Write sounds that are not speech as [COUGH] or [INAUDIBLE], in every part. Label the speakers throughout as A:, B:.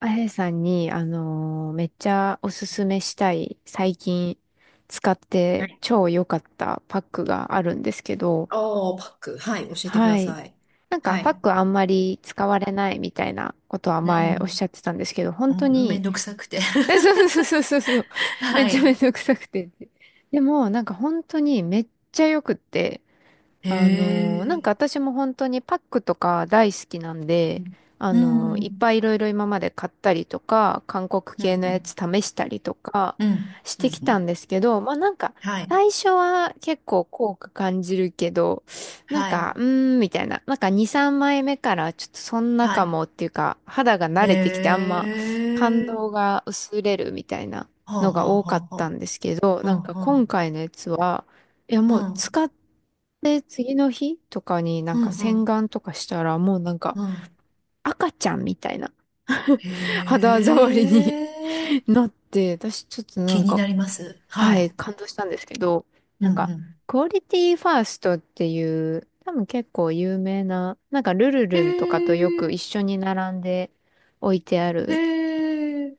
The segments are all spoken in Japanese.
A: あやさんに、めっちゃおすすめしたい、最近使っ
B: は
A: て
B: い。
A: 超良かったパックがあるんですけど、
B: ああ、パック。はい、教えてく
A: は
B: だ
A: い。
B: さい。
A: なんか
B: は
A: パッ
B: い。
A: クあんまり使われないみたいなことは
B: う
A: 前おっ
B: ん。
A: しゃってたんですけど、本
B: う
A: 当
B: ん、めん
A: に、
B: どくさくて
A: [LAUGHS] そう
B: [LAUGHS]
A: そうそうそうそう、めっ
B: は
A: ちゃめん
B: い。
A: どくさくて。でも、なんか本当にめっちゃ良くって、
B: へ
A: なんか
B: え。
A: 私も本当にパックとか大好きなん
B: う
A: で、
B: ん。う
A: いっ
B: ん。
A: ぱいいろいろ今まで買ったりとか、韓国
B: う
A: 系のやつ
B: ん。
A: 試したりとか
B: うん。
A: し
B: うん。
A: てき
B: う
A: た
B: ん。
A: んですけど、まあなんか、
B: はい。
A: 最初は結構効果感じるけど、なん
B: は
A: か、
B: い。
A: うーん、みたいな。なんか2、3枚目からちょっとそんなか
B: は
A: もっていうか、肌が
B: い。
A: 慣
B: へ
A: れてきてあんま感動
B: え。
A: が薄れるみたいな
B: はあ
A: の
B: は
A: が
B: あ
A: 多かっ
B: はあ
A: たん
B: は
A: ですけど、
B: あ。
A: な
B: は
A: んか
B: あ
A: 今
B: は
A: 回のやつは、いや、
B: あ。
A: もう
B: うん。
A: 使って次の日とかにな
B: う
A: んか
B: ん。う
A: 洗
B: ん。
A: 顔とかしたらもうなんか
B: うん。
A: 赤ちゃんみたいな
B: へ
A: [LAUGHS] 肌触りに [LAUGHS]
B: え。
A: なって、私ちょっとな
B: 気
A: ん
B: に
A: か、
B: なります。は
A: は
B: い。
A: い、感動したんですけど、
B: う
A: なん
B: ん
A: か、
B: うん。
A: クオリティファーストっていう、多分結構有名な、なんかルル
B: へ
A: ルンとかとよく
B: え。
A: 一緒に並んで置いてあ
B: へ
A: る
B: え。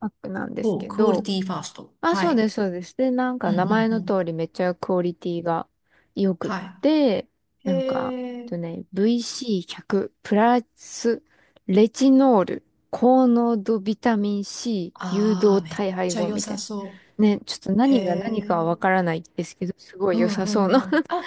A: パックなんです
B: お、
A: け
B: クオリ
A: ど、
B: ティファースト。
A: あ、
B: は
A: そう
B: い。
A: です、そうです。で、なん
B: う
A: か
B: んう
A: 名前
B: んう
A: の
B: ん。
A: 通りめっちゃクオリティが良くっ
B: は
A: て、
B: い。
A: なんか、
B: へえ。
A: VC100 プラスレチノール高濃度ビタミン C 誘導
B: ああ、めっ
A: 体配
B: ちゃ
A: 合
B: 良
A: みたい
B: さ
A: な。
B: そ
A: ね、ちょっと
B: う。へ
A: 何が何かはわ
B: え。
A: からないですけど、すご
B: う
A: い良
B: ん
A: さそ
B: う
A: う
B: んう
A: な。
B: ん。あ、
A: [LAUGHS]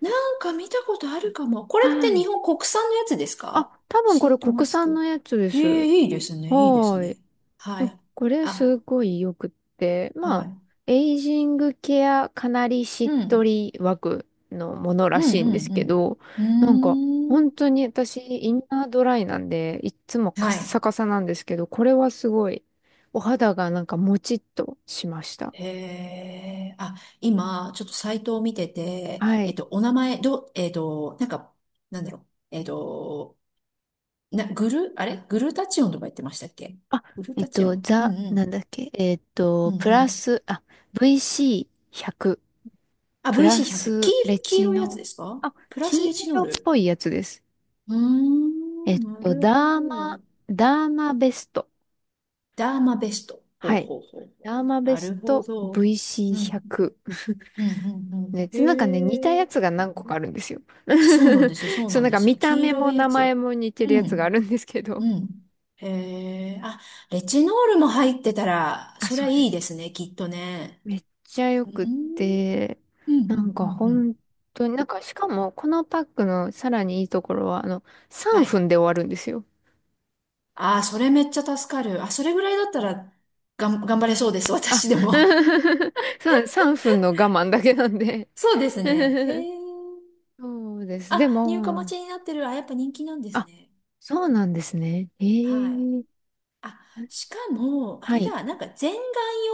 B: なんか見たことあるかも。これって
A: は
B: 日
A: い。
B: 本国産のやつです
A: あ、
B: か？
A: 多分こ
B: シ
A: れ
B: ートマ
A: 国
B: ス
A: 産の
B: ク。
A: やつで
B: え
A: す。
B: え、いいですね、いいです
A: はーい。
B: ね。は
A: そう
B: い。
A: これす
B: あ、
A: ごいよくって、ま
B: は
A: あ、
B: い。
A: エイジングケアかなりし
B: う
A: っと
B: ん。
A: り枠のもの
B: う
A: ら
B: ん
A: しいんで
B: う
A: すけ
B: ん
A: ど、
B: う
A: なんか
B: ん。うー
A: 本
B: ん。
A: 当に私インナードライなんで、いっつもカッ
B: はい。
A: サカサなんですけど、これはすごいお肌がなんかもちっとしました。
B: へえ。あ、今、ちょっとサイトを見てて、
A: はい。
B: お名前、なんか、なんだろう。な、グル、あれ、グルタチオンとか言ってましたっけ？
A: あ、
B: グルタチオン、うん
A: ザ、
B: う
A: なん
B: ん。
A: だっけ、
B: う
A: プ
B: んう
A: ラ
B: ん。
A: ス、あ、VC100、
B: あ、
A: プラ
B: VC100。黄
A: スレ
B: 色、黄
A: チ
B: 色いやつ
A: ノー
B: で
A: ル、
B: すか？
A: あ、
B: プラス
A: 金
B: レチノー
A: 色っ
B: ル。
A: ぽいやつです。
B: うー
A: え
B: ん、
A: っ
B: な
A: と、
B: るほ
A: ダーマ、
B: ど。
A: ダーマベスト。
B: ダーマベスト。ほう
A: はい。
B: ほうほうほ
A: ダーマ
B: う。
A: ベ
B: な
A: ス
B: るほ
A: ト
B: ど。うん。
A: VC100。
B: うんうんう
A: ね、
B: ん。
A: なんかね、似た
B: へ
A: や
B: え。
A: つが何個かあるんですよ。
B: そうなん
A: [LAUGHS]
B: ですよ、そう
A: そう、
B: なん
A: なん
B: で
A: か
B: す
A: 見
B: よ。
A: た
B: 黄
A: 目
B: 色
A: も
B: いや
A: 名前
B: つ。
A: も似てるや
B: う
A: つがあ
B: ん。
A: るんですけど。
B: うん。へえ。あ、レチノールも入ってたら、
A: あ、
B: そり
A: そ
B: ゃ
A: うで
B: いいで
A: す。
B: すね、きっとね。
A: めっちゃよ
B: うん。
A: くって、
B: うんう
A: なんか
B: んうんうん。
A: 本当に、なんかしかもこのパックのさらにいいところは、3
B: は
A: 分
B: い。
A: で終わるんですよ。
B: ああ、それめっちゃ助かる。あ、それぐらいだったら、頑張れそうです。[LAUGHS]
A: あ、
B: 私でも。
A: [LAUGHS] そうなんです、3分の我慢だけなんで
B: [LAUGHS] そうですね。へ
A: [LAUGHS]
B: え。
A: そうです。
B: あ、
A: で
B: 入荷待
A: も、
B: ちになってる。あ、やっぱ人気なんです
A: あ、
B: ね。
A: そうなんですね。え
B: はい。
A: え、
B: あ、
A: あれ、
B: しかも、あ
A: は
B: れ
A: い。
B: だ、なんか全顔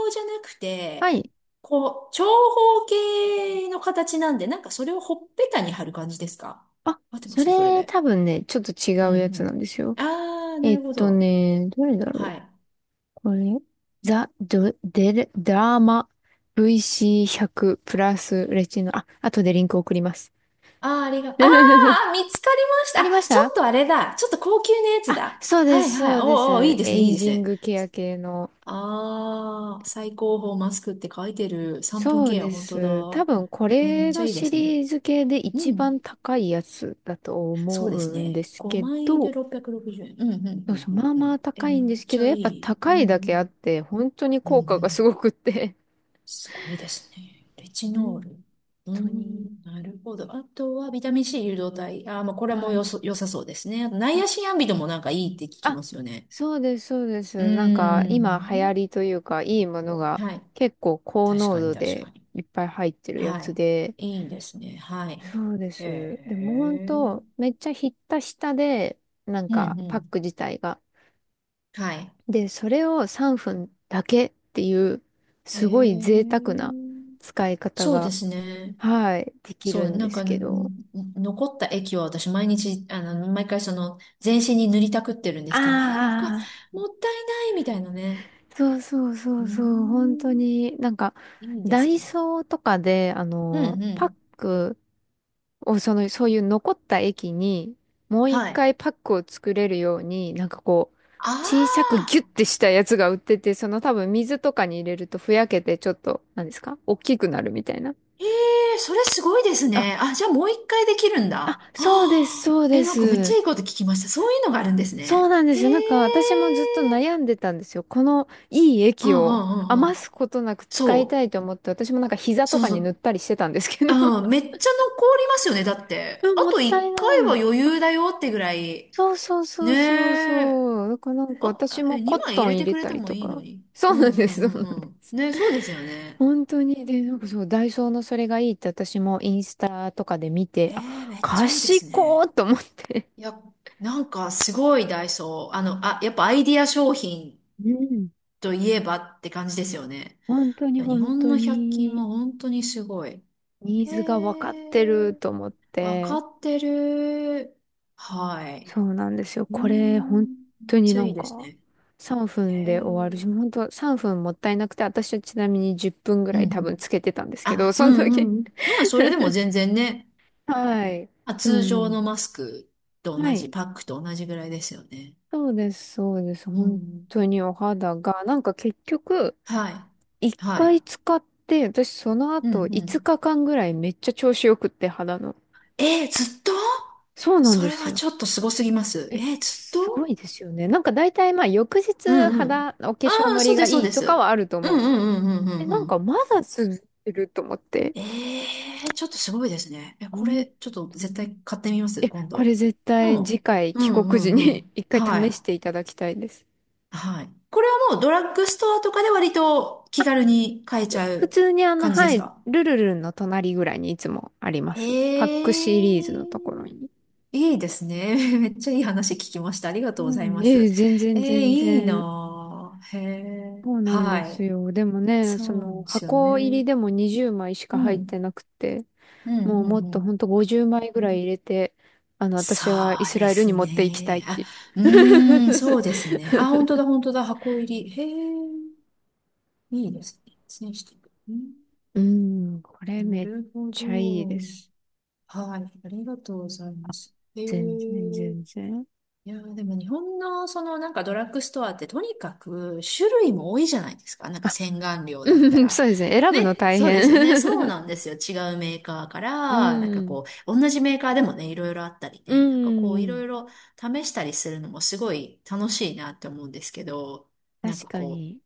B: 用じゃなく
A: は
B: て、
A: い。
B: こう、長方形の形なんで、なんかそれをほっぺたに貼る感じですか？
A: あ、
B: 合ってま
A: そ
B: すそれ
A: れ
B: で。
A: 多分ね、ちょっと
B: う
A: 違うや
B: んう
A: つなん
B: ん。
A: ですよ。
B: ああ、なるほど。
A: どれだろ
B: は
A: う
B: い。
A: これ。ザ・ド、デル、ダーマ VC100 プラスレチノ。あ、後でリンク送ります。
B: ああ、ありが、あーあ
A: [LAUGHS]
B: ー、見つかりまし
A: あ
B: た。あ、
A: りまし
B: ちょっ
A: た、
B: とあれだ。ちょっと高級なやつ
A: あ、
B: だ。
A: そう
B: は
A: で
B: い
A: す、
B: は
A: そ
B: い。お
A: うで
B: ーおー、いい
A: す。
B: ですね、
A: エ
B: いい
A: イ
B: です
A: ジン
B: ね。
A: グケア系の。
B: ああ、最高峰マスクって書いてる3分
A: そう
B: ケア、
A: で
B: 本当
A: す。多
B: だ。
A: 分こ
B: え、めっ
A: れ
B: ちゃ
A: の
B: いいで
A: シ
B: すね。
A: リーズ系で一
B: うん。
A: 番高いやつだと
B: そ
A: 思
B: うです
A: うんで
B: ね。
A: すけ
B: 5枚
A: ど、
B: で660円。うん、うん、う
A: そう
B: ん、
A: そう、
B: う
A: ま
B: ん。
A: あ
B: う
A: ま
B: ん。
A: あ
B: え、
A: 高い
B: めっ
A: んですけ
B: ち
A: ど、
B: ゃ
A: や
B: い
A: っぱ
B: い。う
A: 高
B: ん、う
A: いだけあっ
B: ん。
A: て、本当に
B: うん、
A: 効果
B: う
A: がす
B: ん。
A: ごくって。
B: すごいですね。レチノー
A: 本
B: ル。うー
A: 当に。
B: ん、なるほど。あとはビタミン C 誘導体。あー、まあ、これも
A: はい。
B: 良さそうですね。あとナイアシンアンビドもなんかいいって聞き
A: あ、
B: ますよね。
A: そうです、そうで
B: うー
A: す。なんか今流行
B: ん。
A: りというか、いいものが
B: はい。
A: 結構高
B: 確
A: 濃
B: かに
A: 度
B: 確
A: で
B: かに。
A: いっぱい入ってるやつ
B: は
A: で、
B: い。いいですね。はい。
A: そうで
B: へ
A: す。でも本
B: え。
A: 当、めっちゃひったひたで、なん
B: う
A: か
B: んう
A: パッ
B: ん。
A: ク自体が。
B: はい。
A: で、それを3分だけっていう、
B: へ
A: すごい贅沢な
B: え。
A: 使い方
B: そうで
A: が、
B: すね。
A: はい、でき
B: そ
A: る
B: う、
A: ん
B: な
A: で
B: ん
A: す
B: か、
A: け
B: ん、
A: ど。
B: 残った液を私毎日、あの、毎回その、全身に塗りたくってるんですけど、え、なんか、
A: ああ、
B: もったいないみたいなね。
A: そうそうそ
B: うー
A: うそう、本当
B: ん、
A: に、なんか、
B: いいで
A: ダ
B: す
A: イ
B: ね。
A: ソーとかで、
B: うんう
A: パッ
B: ん。
A: クを、その、そういう残った液に、もう一
B: はい。
A: 回パックを作れるように、なんかこう、
B: あ
A: 小さくギュッ
B: あ、
A: てしたやつが売ってて、その多分水とかに入れるとふやけて、ちょっと、何ですか、大きくなるみたいな。
B: ええ、それすごいですね。あ、じゃあもう一回できるん
A: あ、
B: だ。は
A: そうです、
B: あ、
A: そう
B: え、
A: で
B: なんかめっちゃ
A: す。
B: いいこと聞きました。そういうのがあるんです
A: そう
B: ね。
A: なんで
B: へ
A: すよ。なんか私も
B: え。
A: ずっと悩んでたんですよ。このいい
B: う
A: 液
B: んう
A: を
B: んうんう
A: 余
B: ん。
A: すことなく使いた
B: そ
A: いと
B: う。
A: 思って、私もなんか膝と
B: そう
A: か
B: そ
A: に塗っ
B: う。
A: たりしてたんですけど。[LAUGHS]
B: ああ、めっちゃ残りますよね、だって。
A: うん、
B: あ
A: もっ
B: と
A: たい
B: 1
A: な
B: 回は
A: い。
B: 余裕だよってぐらい。
A: そうそうそ
B: ね
A: うそう
B: え。
A: そう。だからなんか
B: あ、
A: 私
B: あ
A: も
B: え、
A: コッ
B: 2枚入
A: トン
B: れ
A: 入
B: て
A: れ
B: くれ
A: た
B: て
A: り
B: も
A: と
B: いいの
A: か。
B: に。
A: そ
B: う
A: うなん
B: んう
A: で
B: ん
A: す、
B: う
A: そうなん
B: んう
A: で
B: ん。
A: す。
B: ね、そうですよね。
A: 本当に。で、なんかそう、ダイソーのそれがいいって私もインスタとかで見て、
B: え
A: あ、
B: え、めっちゃいいで
A: 賢
B: すね。
A: ーと思って。
B: いや、なんかすごいダイソー。あの、あ、やっぱアイディア商品
A: うん。
B: といえばって感じですよね。
A: 本当
B: い
A: に
B: や、日
A: 本
B: 本
A: 当
B: の百均は
A: に。
B: 本当にすごい。
A: ニー
B: へ
A: ズが分かってる
B: え、
A: と思っ
B: わか
A: て、
B: ってる。はい。
A: そうなんですよ。
B: うー
A: これ、本
B: ん、めっ
A: 当に
B: ちゃ
A: な
B: いい
A: ん
B: です
A: か、
B: ね。
A: 3
B: へ
A: 分
B: え。う
A: で終わるし、
B: ん
A: 本当3分もったいなくて、私はちなみに10分ぐ
B: う
A: らい多分
B: ん。
A: つけてたんですけど、
B: あ、う
A: その
B: んう
A: 時。
B: んうん。まあ、それでも全然ね、
A: [LAUGHS] はい。
B: あ、
A: で
B: 通常
A: も、
B: のマスクと
A: は
B: 同じ、
A: い。
B: パックと同じぐらいですよね。
A: そうです、そうです。
B: う
A: 本
B: ん。
A: 当にお肌が、なんか結局、
B: はい。
A: 1
B: はい。
A: 回使って、私その
B: うん
A: 後
B: う
A: 5
B: ん。
A: 日間ぐらいめっちゃ調子よくって、肌の。
B: えー、ずっと
A: そうなん
B: そ
A: で
B: れ
A: す
B: は
A: よ。
B: ちょっとすごすぎます。
A: え、
B: えー、ずっ
A: すごい
B: と
A: ですよね。なんか大体まあ翌
B: う
A: 日
B: んう
A: 肌、
B: ん。
A: お化
B: あ
A: 粧
B: あ、
A: の
B: そ
A: り
B: うで
A: が
B: す、そう
A: いい
B: で
A: とかは
B: す。
A: あると
B: うん
A: 思う
B: う
A: んです。
B: んうんう
A: え、
B: ん
A: な
B: う
A: んか
B: ん。
A: まだ続けると思って。
B: ええ、ちょっとすごいですね。え、こ
A: 本
B: れ、ちょっと
A: 当
B: 絶
A: に
B: 対買ってみます、今
A: これ
B: 度。
A: 絶
B: う
A: 対次
B: ん。
A: 回
B: う
A: 帰
B: んう
A: 国時
B: んう
A: に
B: ん。
A: [LAUGHS] 一回
B: は
A: 試
B: い。
A: していただきたいです。
B: はい。これはもうドラッグストアとかで割と気軽に買えちゃ
A: 普
B: う
A: 通に
B: 感じで
A: は
B: す
A: い、
B: か？
A: ルルルンの隣ぐらいにいつもありま
B: ええ、
A: す。パックシリーズのところに。
B: いいですね。[LAUGHS] めっちゃいい話聞きました。ありが
A: う
B: とうござい
A: ん、
B: ま
A: ええ、
B: す。
A: 全然
B: ええ、
A: 全
B: いい
A: 然。
B: なぁ。へえ。
A: そうなんで
B: は
A: す
B: い。
A: よ。でもね、そ
B: そう
A: の
B: ですよ
A: 箱入
B: ね。
A: りでも20枚しか
B: う
A: 入っ
B: ん。
A: てなくて。
B: うん
A: も
B: う
A: うも
B: ん
A: っ
B: う
A: とほ
B: ん。
A: んと50枚ぐらい入れて、
B: そ
A: 私はイ
B: う
A: ス
B: で
A: ラエルに
B: す
A: 持っていきたいっ
B: ね。あ、
A: ていう。
B: うーん、そうですね。あ、本当だ、本当だ、箱入り。へえ、いいですね。選手、うん、
A: うん、これ
B: な
A: めっ
B: るほ
A: ちゃいいで
B: ど。
A: す。
B: はい、ありがとうございます。へ
A: 全然
B: え。
A: 全然。
B: いやーでも日本のそのなんかドラッグストアってとにかく種類も多いじゃないですか。なんか
A: あ、
B: 洗顔料だった
A: うん、
B: ら。
A: そうですね。選ぶ
B: ね、
A: の大
B: そうですよね。そう
A: 変。
B: なんですよ。違うメーカーか
A: [LAUGHS] う
B: ら、なんか
A: ん、
B: こう、同じメーカーでもね、いろいろあったり
A: う
B: ね、なんかこう、いろ
A: ん、
B: いろ試したりするのもすごい楽しいなって思うんですけど、なん
A: 確
B: か
A: か
B: こ
A: に。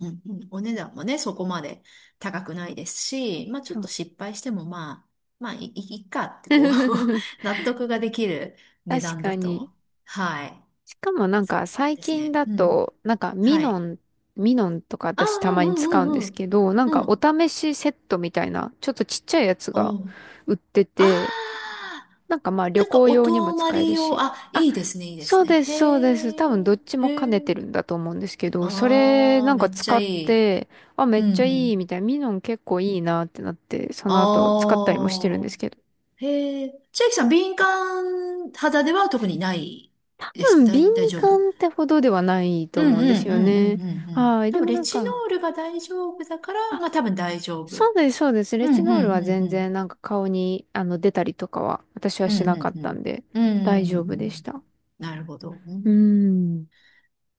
B: う、うんうん、お値段もね、そこまで高くないですし、まあちょ
A: そ
B: っと
A: う。
B: 失敗してもまあ、まあいい、いっかってこう
A: [LAUGHS]
B: [LAUGHS] 納得ができる値
A: 確
B: 段
A: か
B: だ
A: に。
B: と。はい。
A: しかもなん
B: そう
A: か
B: なん
A: 最
B: です
A: 近
B: ね。
A: だ
B: うん。
A: と、なんか
B: はい。
A: ミノンとか
B: ああ、
A: 私た
B: う
A: まに使う
B: ん
A: ん
B: う
A: で
B: んう
A: す
B: ん
A: けど、なん
B: うん。
A: か
B: う
A: お
B: ん。
A: 試しセットみたいな、ちょっとちっちゃいやつが
B: おう。
A: 売って
B: あ
A: て、
B: あ、
A: なんかまあ旅
B: なんか
A: 行
B: お
A: 用にも
B: 泊ま
A: 使え
B: り
A: る
B: 用、
A: し。
B: あ、
A: あ、
B: いいですね、いいで
A: そ
B: す
A: う
B: ね。
A: で
B: へ
A: す、そうです。多分
B: え、
A: どっち
B: へ
A: も兼ね
B: え。
A: てるんだと思うんですけど、それ
B: あ
A: な
B: あ、
A: ん
B: め
A: か
B: っちゃ
A: 使っ
B: いい。
A: て、あ、め
B: う
A: っ
B: ん
A: ちゃ
B: う
A: いい
B: ん。
A: みたいな、ミノン結構いいなってなって、その後使ったりもしてるん
B: あ
A: で
B: あ、
A: すけど。
B: へえ。千秋さん、敏感肌では特にない
A: 多
B: です
A: 分
B: か？
A: 敏
B: 大丈夫。
A: 感ってほどではないと
B: うんう
A: 思うんです
B: んう
A: よ
B: んう
A: ね。
B: んうんうん。
A: はい。
B: 多
A: で
B: 分、
A: も
B: レ
A: なん
B: チノ
A: か、
B: ールが大丈夫だから、
A: あ、
B: まあ多分大丈夫。うん
A: そうです、そうです。レ
B: う
A: チ
B: ん
A: ノールは
B: うん
A: 全
B: う
A: 然
B: ん。
A: なんか顔に出たりとかは私は
B: う
A: し
B: ん、
A: な
B: う
A: かっ
B: ん、う
A: たん
B: ん。
A: で
B: うん、う
A: 大丈
B: ん
A: 夫
B: う
A: で
B: ん、
A: した。
B: なるほど。う
A: うー
B: ん、
A: ん。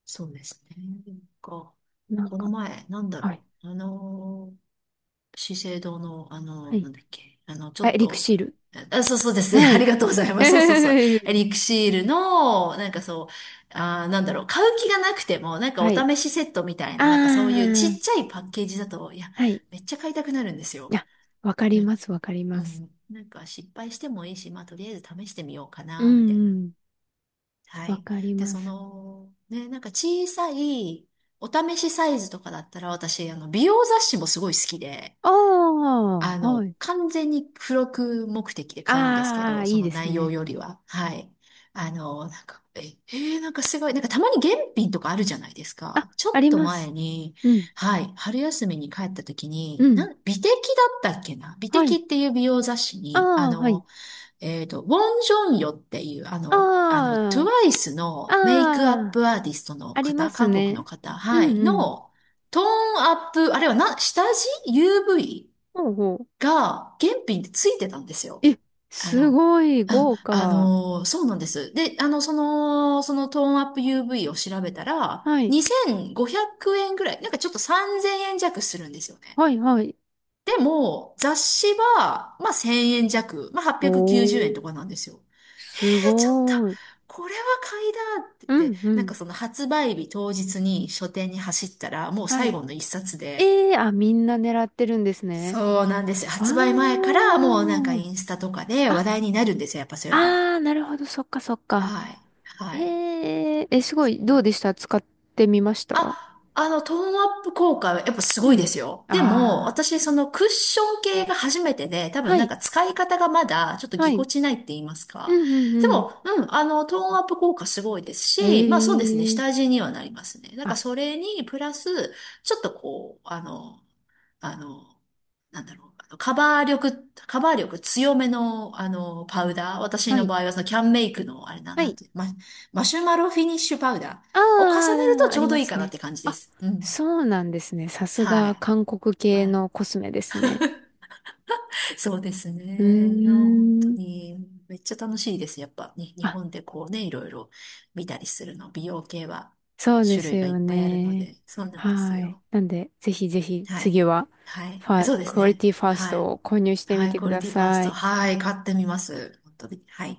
B: そうですね。なんか、
A: なん
B: この
A: か、
B: 前、なんだ
A: はい。
B: ろう。資生堂の、
A: はい。
B: なんだっけ。ちょ
A: あ、
B: っ
A: エリク
B: と、
A: シール。
B: あ、そうそうですね。
A: は
B: [LAUGHS] あり
A: い。
B: がとうございます。そうそうそう。
A: [LAUGHS]
B: エリクシールの、なんかそう、あー、なんだろう。買う気がなくても、なんかお
A: はい。
B: 試しセットみたい
A: あ
B: な、なんかそういうち
A: あ、
B: っちゃいパッケージだと、いや、
A: はい。
B: めっちゃ買いたくなるんですよ。
A: あ、わかり
B: ね、
A: ます、わかり
B: う
A: ます。
B: ん、なんか失敗してもいいし、まあとりあえず試してみようか
A: うん
B: な、みたい
A: う
B: な。
A: ん、
B: は
A: わ
B: い。
A: かり
B: で、
A: ま
B: そ
A: す。
B: の、ね、なんか小さいお試しサイズとかだったら私、美容雑誌もすごい好きで、
A: ああ、はい。
B: 完全に付録目的で買うんですけ
A: ああ、
B: ど、そ
A: いい
B: の
A: です
B: 内容
A: ね。
B: よりは。はい。なんか、え、なんかすごい、なんかたまに現品とかあるじゃないです
A: あ、
B: か。ち
A: あ
B: ょっ
A: り
B: と
A: ます。
B: 前に、
A: うん、
B: はい、春休みに帰った時
A: う
B: に、
A: ん。
B: 美的だったっけな、美
A: は
B: 的っ
A: い。
B: ていう美容雑誌
A: あ
B: に、
A: あ、はい。
B: ウォン・ジョンヨっていう、
A: ああ、
B: TWICE
A: あ
B: のメイクアッ
A: あ、
B: プアーティストの
A: ありま
B: 方、
A: す
B: 韓国の
A: ね。
B: 方、
A: う
B: は
A: ん
B: い、
A: うん。
B: の、トーンアップ、あれはな、下地 ?UV
A: ほうほう。
B: が原品でついてたんですよ。
A: え、
B: あ
A: す
B: の、
A: ごい豪華。
B: そうなんです。で、そのトーンアップ UV を調べたら、
A: はい。
B: 2500円ぐらい、なんかちょっと3000円弱するんですよね。
A: はい、はい。
B: でも、雑誌は、まあ、1000円弱、まあ、890
A: お
B: 円と
A: ー、
B: かなんですよ。
A: す
B: ちょっと、
A: ごい。
B: これは買いだって
A: う
B: 言って、
A: ん、う
B: なんか
A: ん。
B: その発売日当日に書店に走ったら、もう
A: は
B: 最
A: い、
B: 後の一冊で、
A: ええー、あ、みんな狙ってるんですね。
B: そうなんですよ。
A: わ
B: 発売前からもうなんか
A: ー。
B: インスタとかで話
A: あ、
B: 題になるんですよ。やっぱそういうの。
A: あー、なるほど、そっかそっか。
B: はい。
A: え
B: はい。
A: ええ、すごい、
B: そ
A: どうで
B: う。
A: した、使ってみました？
B: あ、トーンアップ効果はやっぱす
A: う
B: ごい
A: ん。
B: ですよ。でも、
A: あ
B: 私、そのクッション系が初めてで、多
A: あ、
B: 分
A: は
B: なん
A: い、
B: か使い方がまだちょっと
A: は
B: ぎこ
A: い。
B: ちないって言います
A: う
B: か。
A: んうん
B: で
A: うん。
B: も、うん、トーンアップ効果すごいです
A: え
B: し、まあそうですね、下
A: え、
B: 地にはなりますね。なんか
A: あ、
B: それに、プラス、ちょっとこう、あの、なんだろう、カバー力強めの、パウダー。私
A: は
B: の
A: い、
B: 場合は、そのキャンメイクの、あれな、
A: は
B: なん
A: い。
B: ていう、マシュマロフィニッシュパウダーを重ねる
A: あ
B: と
A: あ、あ
B: ちょ
A: り
B: うど
A: ま
B: いい
A: す
B: かなっ
A: ね。
B: て感じで
A: あ、
B: す。うん。
A: そうなんですね。さす
B: は
A: が韓
B: い。
A: 国系
B: はい。
A: のコスメですね。
B: そうです
A: う
B: ね。いや、本当
A: ーん。
B: に、めっちゃ楽しいです。やっぱね、日
A: あ、
B: 本でこうね、いろいろ見たりするの。美容系は
A: そうで
B: 種
A: す
B: 類がいっ
A: よ
B: ぱいあるの
A: ね。
B: で、そうなんです
A: はい。
B: よ。
A: なんで、ぜひぜひ
B: はい。
A: 次は
B: はい。そうです
A: クオリ
B: ね。
A: ティファース
B: は
A: ト
B: い。
A: を購入して
B: は
A: み
B: い、
A: て
B: ク
A: く
B: オリ
A: だ
B: ティファース
A: さ
B: ト。
A: い。
B: はい、買ってみます。本当に。はい。